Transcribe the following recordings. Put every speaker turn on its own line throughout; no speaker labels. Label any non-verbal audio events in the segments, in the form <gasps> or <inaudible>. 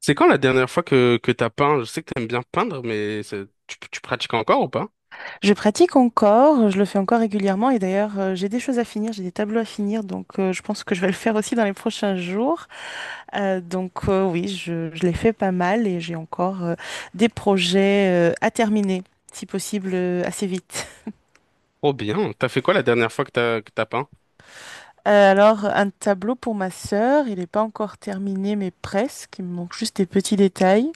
C'est quand la dernière fois que t'as peint? Je sais que t'aimes bien peindre, mais tu pratiques encore ou pas?
Je pratique encore, je le fais encore régulièrement et d'ailleurs j'ai des choses à finir, j'ai des tableaux à finir donc je pense que je vais le faire aussi dans les prochains jours. Oui, je l'ai fait pas mal et j'ai encore des projets à terminer, si possible assez vite.
Oh bien. T'as fait quoi la dernière fois que t'as peint?
Alors un tableau pour ma sœur, il n'est pas encore terminé mais presque, il me manque juste des petits détails.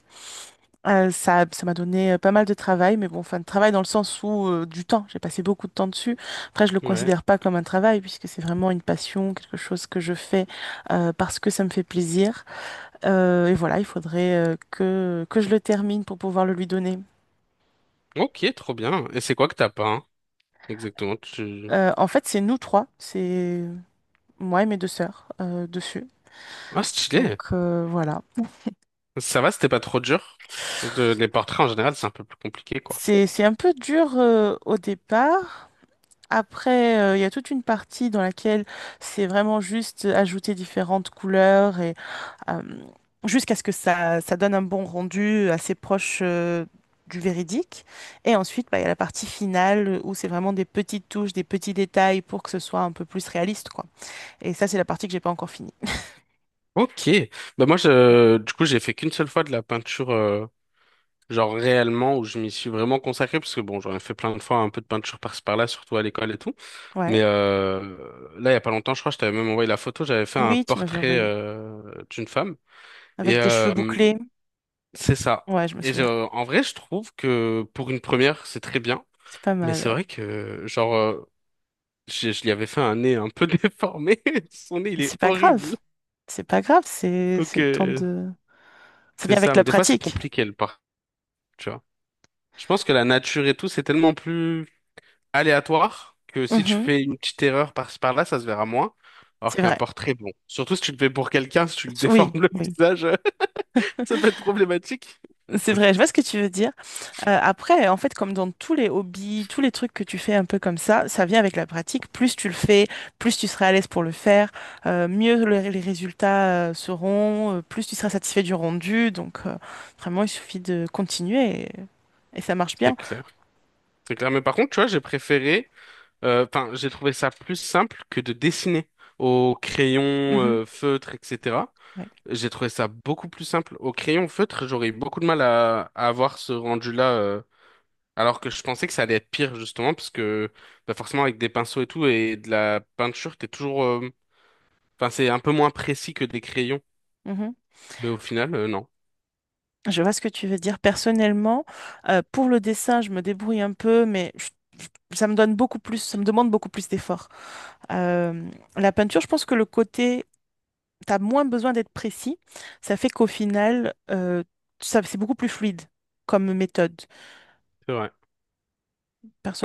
Ça m'a donné pas mal de travail, mais bon, enfin, de travail dans le sens où du temps, j'ai passé beaucoup de temps dessus. Après, je le
Ouais.
considère pas comme un travail puisque c'est vraiment une passion, quelque chose que je fais parce que ça me fait plaisir. Et voilà, il faudrait que je le termine pour pouvoir le lui donner.
Ok, trop bien. Et c'est quoi que t'as peint? Exactement. Tu...
En fait, c'est nous trois, c'est moi et mes deux sœurs dessus.
Ah, stylé.
Voilà.
Ça va, c'était pas trop dur. Les portraits en général, c'est un peu plus compliqué, quoi.
C'est un peu dur au départ. Après, il y a toute une partie dans laquelle c'est vraiment juste ajouter différentes couleurs et euh, jusqu'à ce que ça donne un bon rendu assez proche du véridique. Et ensuite, bah, il y a la partie finale où c'est vraiment des petites touches, des petits détails pour que ce soit un peu plus réaliste, quoi. Et ça, c'est la partie que j'ai pas encore finie.
Ok. Bah moi, du coup, j'ai fait qu'une seule fois de la peinture, genre réellement, où je m'y suis vraiment consacré, parce que bon, j'en ai fait plein de fois un peu de peinture par-ci par-là, surtout à l'école et tout.
Ouais.
Mais là, il y a pas longtemps, je crois, je t'avais même envoyé la photo. J'avais fait un
Oui, tu m'avais
portrait
envoyé.
d'une femme. Et
Avec des cheveux bouclés.
c'est ça.
Ouais, je me
Et
souviens.
en vrai, je trouve que pour une première, c'est très bien.
C'est pas
Mais
mal,
c'est
ouais.
vrai que, genre, je lui avais fait un nez un peu <laughs> déformé. Son nez, il est
C'est pas
horrible.
grave. C'est pas grave,
Donc,
c'est le temps de… Ça
c'est
vient avec
ça.
la
Mais des fois, c'est
pratique.
compliqué, le portrait, tu vois. Je pense que la nature et tout, c'est tellement plus aléatoire que si tu fais une petite erreur par-ci par-là, ça se verra moins. Alors
C'est
qu'un
vrai.
portrait, bon. Surtout si tu le fais pour quelqu'un, si tu lui déformes
Oui,
le <laughs>
oui.
visage, <laughs> ça peut être problématique.
C'est vrai, je vois ce que tu veux dire. Après, en fait, comme dans tous les hobbies, tous les trucs que tu fais un peu comme ça vient avec la pratique. Plus tu le fais, plus tu seras à l'aise pour le faire, mieux les résultats seront, plus tu seras satisfait du rendu. Vraiment, il suffit de continuer et ça marche
C'est
bien.
clair. C'est clair. Mais par contre, tu vois, j'ai préféré, enfin, j'ai trouvé ça plus simple que de dessiner au crayon,
Mhm.
feutre, etc.
Ouais.
J'ai trouvé ça beaucoup plus simple. Au crayon feutre, j'aurais eu beaucoup de mal à avoir ce rendu-là, alors que je pensais que ça allait être pire, justement, parce que bah, forcément, avec des pinceaux et tout, et de la peinture, t'es toujours, enfin, c'est un peu moins précis que des crayons,
Mhm.
mais au final, non,
Je vois ce que tu veux dire. Personnellement, pour le dessin, je me débrouille un peu, mais ça me donne beaucoup plus, ça me demande beaucoup plus d'efforts. Euh, la peinture, je pense que le côté, tu as moins besoin d'être précis. Ça fait qu'au final, ça, c'est beaucoup plus fluide comme méthode.
c'est vrai.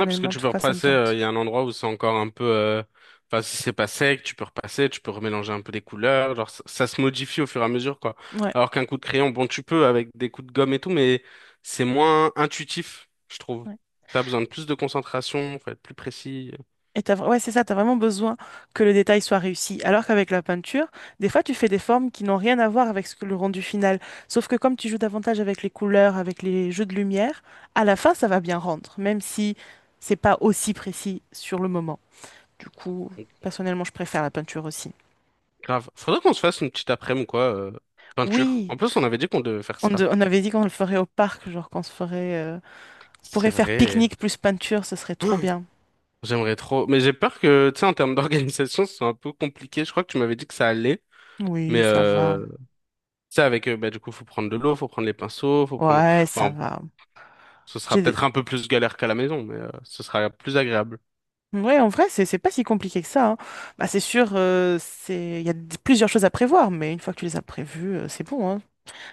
Ouais, parce que
en
tu
tout
peux
cas, ça me
repasser,
tente.
il y a un endroit où c'est encore un peu, enfin, si c'est pas sec, tu peux repasser, tu peux remélanger un peu les couleurs, genre ça, ça se modifie au fur et à mesure, quoi.
Ouais.
Alors qu'un coup de crayon, bon, tu peux avec des coups de gomme et tout, mais c'est moins intuitif, je trouve.
Ouais.
T'as besoin de plus de concentration, faut être plus précis.
Et t'as, ouais, c'est ça, t'as vraiment besoin que le détail soit réussi. Alors qu'avec la peinture, des fois, tu fais des formes qui n'ont rien à voir avec ce que le rendu final. Sauf que comme tu joues davantage avec les couleurs, avec les jeux de lumière, à la fin, ça va bien rendre, même si c'est pas aussi précis sur le moment. Du coup,
Donc,
personnellement, je préfère la peinture aussi.
Grave. Faudrait qu'on se fasse une petite après-midi ou quoi, peinture.
Oui,
En plus, on avait dit qu'on devait faire
on,
ça.
de- on avait dit qu'on le ferait au parc, genre qu'on se ferait, on
C'est
pourrait faire
vrai.
pique-nique plus peinture, ce serait trop
<gasps>
bien.
J'aimerais trop. Mais j'ai peur que, tu sais, en termes <laughs> d'organisation, ce soit un peu compliqué. Je crois que tu m'avais dit que ça allait. Mais,
Oui, ça va.
tu sais, avec, bah, du coup, faut prendre de l'eau, faut prendre les pinceaux, faut prendre.
Ouais, ça
Bon,
va.
ce sera
J'ai
peut-être un peu plus galère qu'à la maison, mais ce sera plus agréable.
Ouais, en vrai, c'est pas si compliqué que ça, hein. Bah, c'est sûr, c'est il y a plusieurs choses à prévoir, mais une fois que tu les as prévues, c'est bon, hein.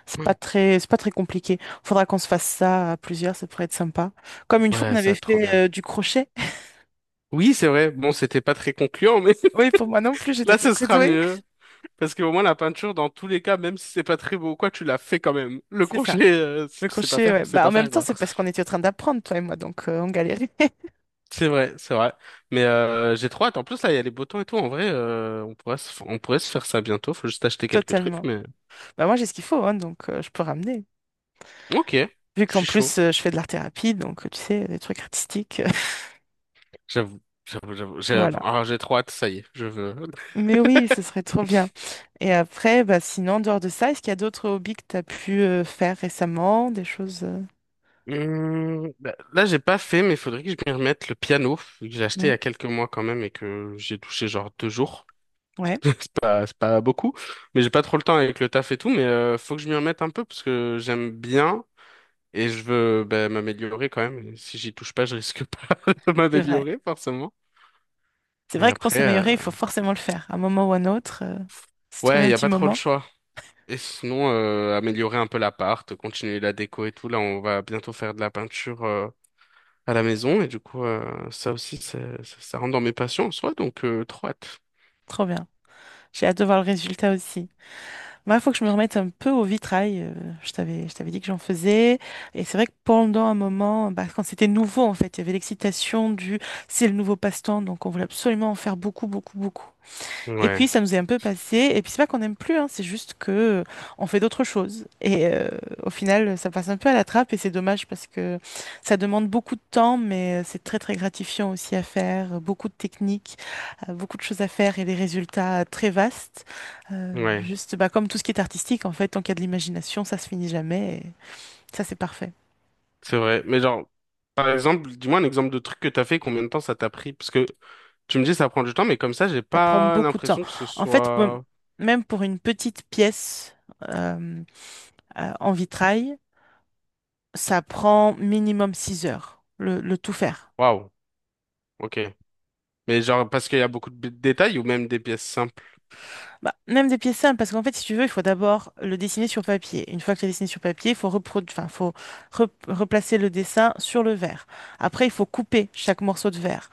C'est pas très compliqué. Faudra qu'on se fasse ça à plusieurs, ça pourrait être sympa. Comme une fois,
Ouais,
on
ça va
avait
être trop
fait
bien.
du crochet. <laughs>
Oui, c'est vrai. Bon, c'était pas très concluant, mais
Oui, pour moi non plus,
<laughs>
j'étais
là,
pas
ce
très
sera
douée.
mieux. Parce que au moins, la peinture, dans tous les cas, même si c'est pas très beau, ou quoi, tu l'as fait quand même. Le
C'est ça.
crochet, si
Le
tu sais pas
crochet,
faire,
ouais.
tu sais
Bah, en
pas
même
faire,
temps,
quoi.
c'est parce qu'on était en train d'apprendre, toi et moi, donc on galérait <laughs>
C'est vrai, c'est vrai. Mais j'ai trop hâte. En plus, là, il y a les beaux temps et tout. En vrai, on pourrait se faire ça bientôt. Faut juste acheter quelques trucs,
totalement.
mais...
Bah, moi, j'ai ce qu'il faut, hein, donc je peux ramener.
Ok,
Vu
je
qu'en
suis chaud.
plus, je fais de l'art-thérapie, donc tu sais, des trucs artistiques.
J'avoue, j'avoue, j'avoue.
<laughs>
J'ai
Voilà.
ah, j'ai trop hâte, ça y est, je veux.
Mais oui, ce serait trop bien. Et après, bah, sinon, en dehors de ça, est-ce qu'il y a d'autres hobbies que tu as pu faire récemment, des choses…
Bah, là, j'ai pas fait, mais il faudrait que je m'y remette. Le piano, que j'ai acheté il y
Hmm.
a quelques mois quand même et que j'ai touché genre 2 jours.
Ouais,
<laughs> C'est pas beaucoup, mais j'ai pas trop le temps avec le taf et tout. Mais faut que je m'y remette un peu parce que j'aime bien. Et je veux ben, m'améliorer quand même. Et si j'y touche pas, je risque <laughs> pas de
c'est vrai.
m'améliorer forcément.
C'est
Et
vrai que pour
après,
s'améliorer, il faut forcément le faire, à un moment ou un autre. Se trouver
ouais, il
un
y a
petit
pas trop le
moment,
choix. Et sinon, améliorer un peu l'appart, continuer la déco et tout. Là, on va bientôt faire de la peinture à la maison. Et du coup, ça aussi, ça rentre dans mes passions en soi. Donc, trop hâte.
trop bien. J'ai hâte de voir le résultat aussi. Moi, il faut que je me remette un peu au vitrail. Je t'avais dit que j'en faisais. Et c'est vrai que pendant un moment, bah, quand c'était nouveau, en fait, il y avait l'excitation du… C'est le nouveau passe-temps, donc on voulait absolument en faire beaucoup, beaucoup, beaucoup. Et
Ouais,
puis ça nous est un peu passé. Et puis c'est pas qu'on n'aime plus, hein, c'est juste que on fait d'autres choses. Et au final, ça passe un peu à la trappe et c'est dommage parce que ça demande beaucoup de temps, mais c'est très très gratifiant aussi à faire. Beaucoup de techniques, beaucoup de choses à faire et des résultats très vastes.
ouais,
Juste bah, comme tout ce qui est artistique, en fait, tant qu'il y a de l'imagination, ça se finit jamais. Et ça c'est parfait.
c'est vrai. Mais genre, par exemple, dis-moi un exemple de truc que t'as fait, combien de temps ça t'a pris? Parce que tu me dis ça prend du temps, mais comme ça, j'ai
Ça prend
pas
beaucoup de temps.
l'impression que ce
En fait,
soit...
même pour une petite pièce euh, en vitrail. Ça prend minimum 6 heures, le tout faire.
Waouh, ok. Mais genre, parce qu'il y a beaucoup de détails ou même des pièces simples.
Bah, même des pièces simples, parce qu'en fait, si tu veux, il faut d'abord le dessiner sur papier. Une fois que tu as dessiné sur papier, enfin, faut replacer le dessin sur le verre. Après, il faut couper chaque morceau de verre.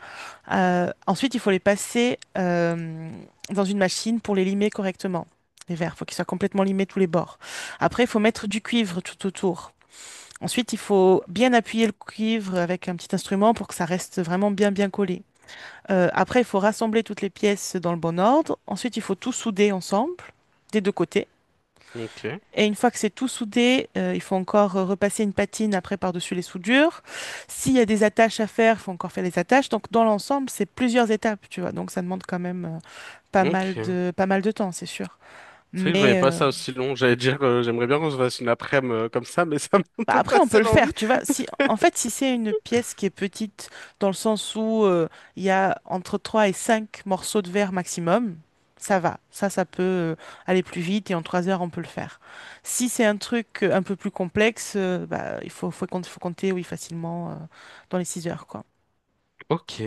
Ensuite, il faut les passer dans une machine pour les limer correctement. Les verres, il faut qu'ils soient complètement limés tous les bords. Après, il faut mettre du cuivre tout autour. Ensuite, il faut bien appuyer le cuivre avec un petit instrument pour que ça reste vraiment bien bien collé. Après, il faut rassembler toutes les pièces dans le bon ordre. Ensuite, il faut tout souder ensemble, des deux côtés.
Ok.
Et une fois que c'est tout soudé, il faut encore repasser une patine après par-dessus les soudures. S'il y a des attaches à faire, il faut encore faire les attaches. Donc, dans l'ensemble, c'est plusieurs étapes, tu vois. Donc, ça demande quand même
Ok.
pas mal de temps, c'est sûr.
C'est vrai que je voyais
Mais,
pas ça aussi long. J'allais dire, j'aimerais bien qu'on se fasse une après-midi comme ça, mais <laughs> ça m'a un
bah,
peu
après, on peut
passé
le
l'envie.
faire, tu vois. Si, en fait, si c'est une pièce qui est petite, dans le sens où il y a entre 3 et 5 morceaux de verre maximum, ça va. Ça peut aller plus vite et en 3 heures, on peut le faire. Si c'est un truc un peu plus complexe, bah, il faut compter, oui, facilement dans les 6 heures, quoi.
Ok.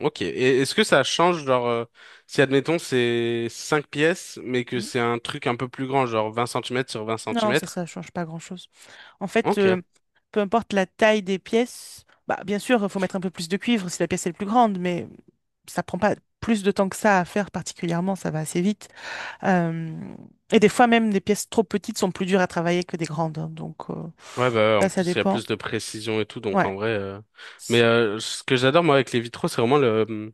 Ok. Et est-ce que ça change, genre, si admettons c'est 5 pièces, mais que
Mm.
c'est un truc un peu plus grand, genre vingt centimètres sur vingt
Non, ça,
centimètres
ça change pas grand-chose. En fait,
Ok.
peu importe la taille des pièces, bah, bien sûr, il faut mettre un peu plus de cuivre si la pièce est plus grande, mais ça prend pas plus de temps que ça à faire particulièrement, ça va assez vite. Euh, et des fois même, des pièces trop petites sont plus dures à travailler que des grandes, hein, donc
Ouais, bah,
ça,
en
ça
plus, il y a
dépend.
plus de précision et tout, donc
Ouais,
en vrai. Mais
c'est
ce que j'adore, moi, avec les vitraux, c'est vraiment le,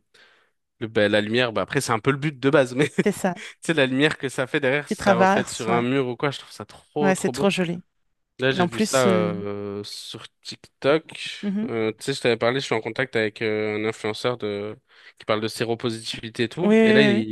le, bah, la lumière. Bah, après, c'est un peu le but de base, <laughs> mais
ça.
sais, la lumière que ça fait derrière,
Qui
ça reflète
traverse,
sur un
ouais.
mur ou quoi, je trouve ça trop,
Ouais, c'est
trop
trop
beau.
joli.
Là,
Et
j'ai
en
vu ça
plus,
sur TikTok.
mhm.
Tu sais, je t'avais parlé, je suis en contact avec un influenceur de... qui parle de séropositivité et
Oui,
tout.
oui,
Et là, il,
oui, oui.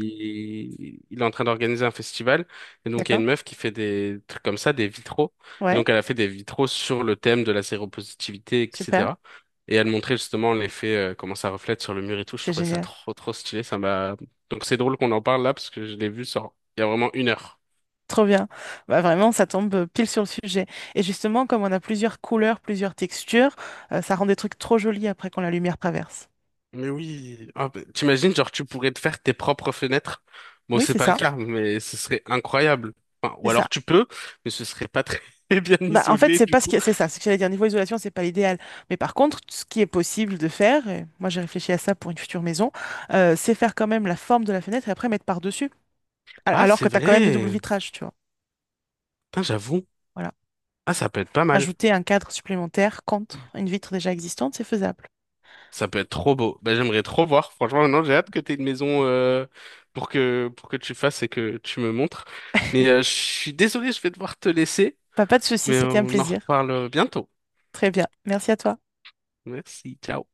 il est en train d'organiser un festival. Et donc, il y a
D'accord.
une meuf qui fait des trucs comme ça, des vitraux. Et
Ouais,
donc, elle a fait des vitraux sur le thème de la séropositivité,
super.
etc. Et elle montrait justement l'effet, comment ça reflète sur le mur et tout. Je
C'est
trouvais ça
génial.
trop, trop stylé. Ça m'a... Donc, c'est drôle qu'on en parle là, parce que je l'ai vu sur... il y a vraiment une heure.
Trop bien. Bah, vraiment, ça tombe pile sur le sujet. Et justement, comme on a plusieurs couleurs, plusieurs textures, ça rend des trucs trop jolis après quand la lumière traverse.
Mais oui, ah, bah, t'imagines, genre tu pourrais te faire tes propres fenêtres. Bon,
Oui,
c'est
c'est
pas le
ça.
cas, mais ce serait incroyable. Enfin,
C'est
ou
ça.
alors tu peux, mais ce serait pas très <laughs> bien
Bah, en fait,
isolé
c'est
du
pas ce
coup.
qui… c'est ça. Ce que j'allais dire, niveau isolation, c'est pas l'idéal. Mais par contre, ce qui est possible de faire, et moi j'ai réfléchi à ça pour une future maison, c'est faire quand même la forme de la fenêtre et après mettre par-dessus.
Ah,
Alors
c'est
que tu as quand même du double
vrai.
vitrage, tu vois.
Putain, j'avoue.
Voilà.
Ah, ça peut être pas mal.
Ajouter un cadre supplémentaire contre une vitre déjà existante, c'est faisable.
Ça peut être trop beau. Bah, j'aimerais trop voir. Franchement, maintenant, j'ai hâte que t'aies une maison pour que tu fasses et que tu me montres. Mais je suis désolé, je vais devoir te laisser,
Bah, pas de souci,
mais
c'était un
on en
plaisir.
reparle bientôt.
Très bien. Merci à toi.
Merci, ciao.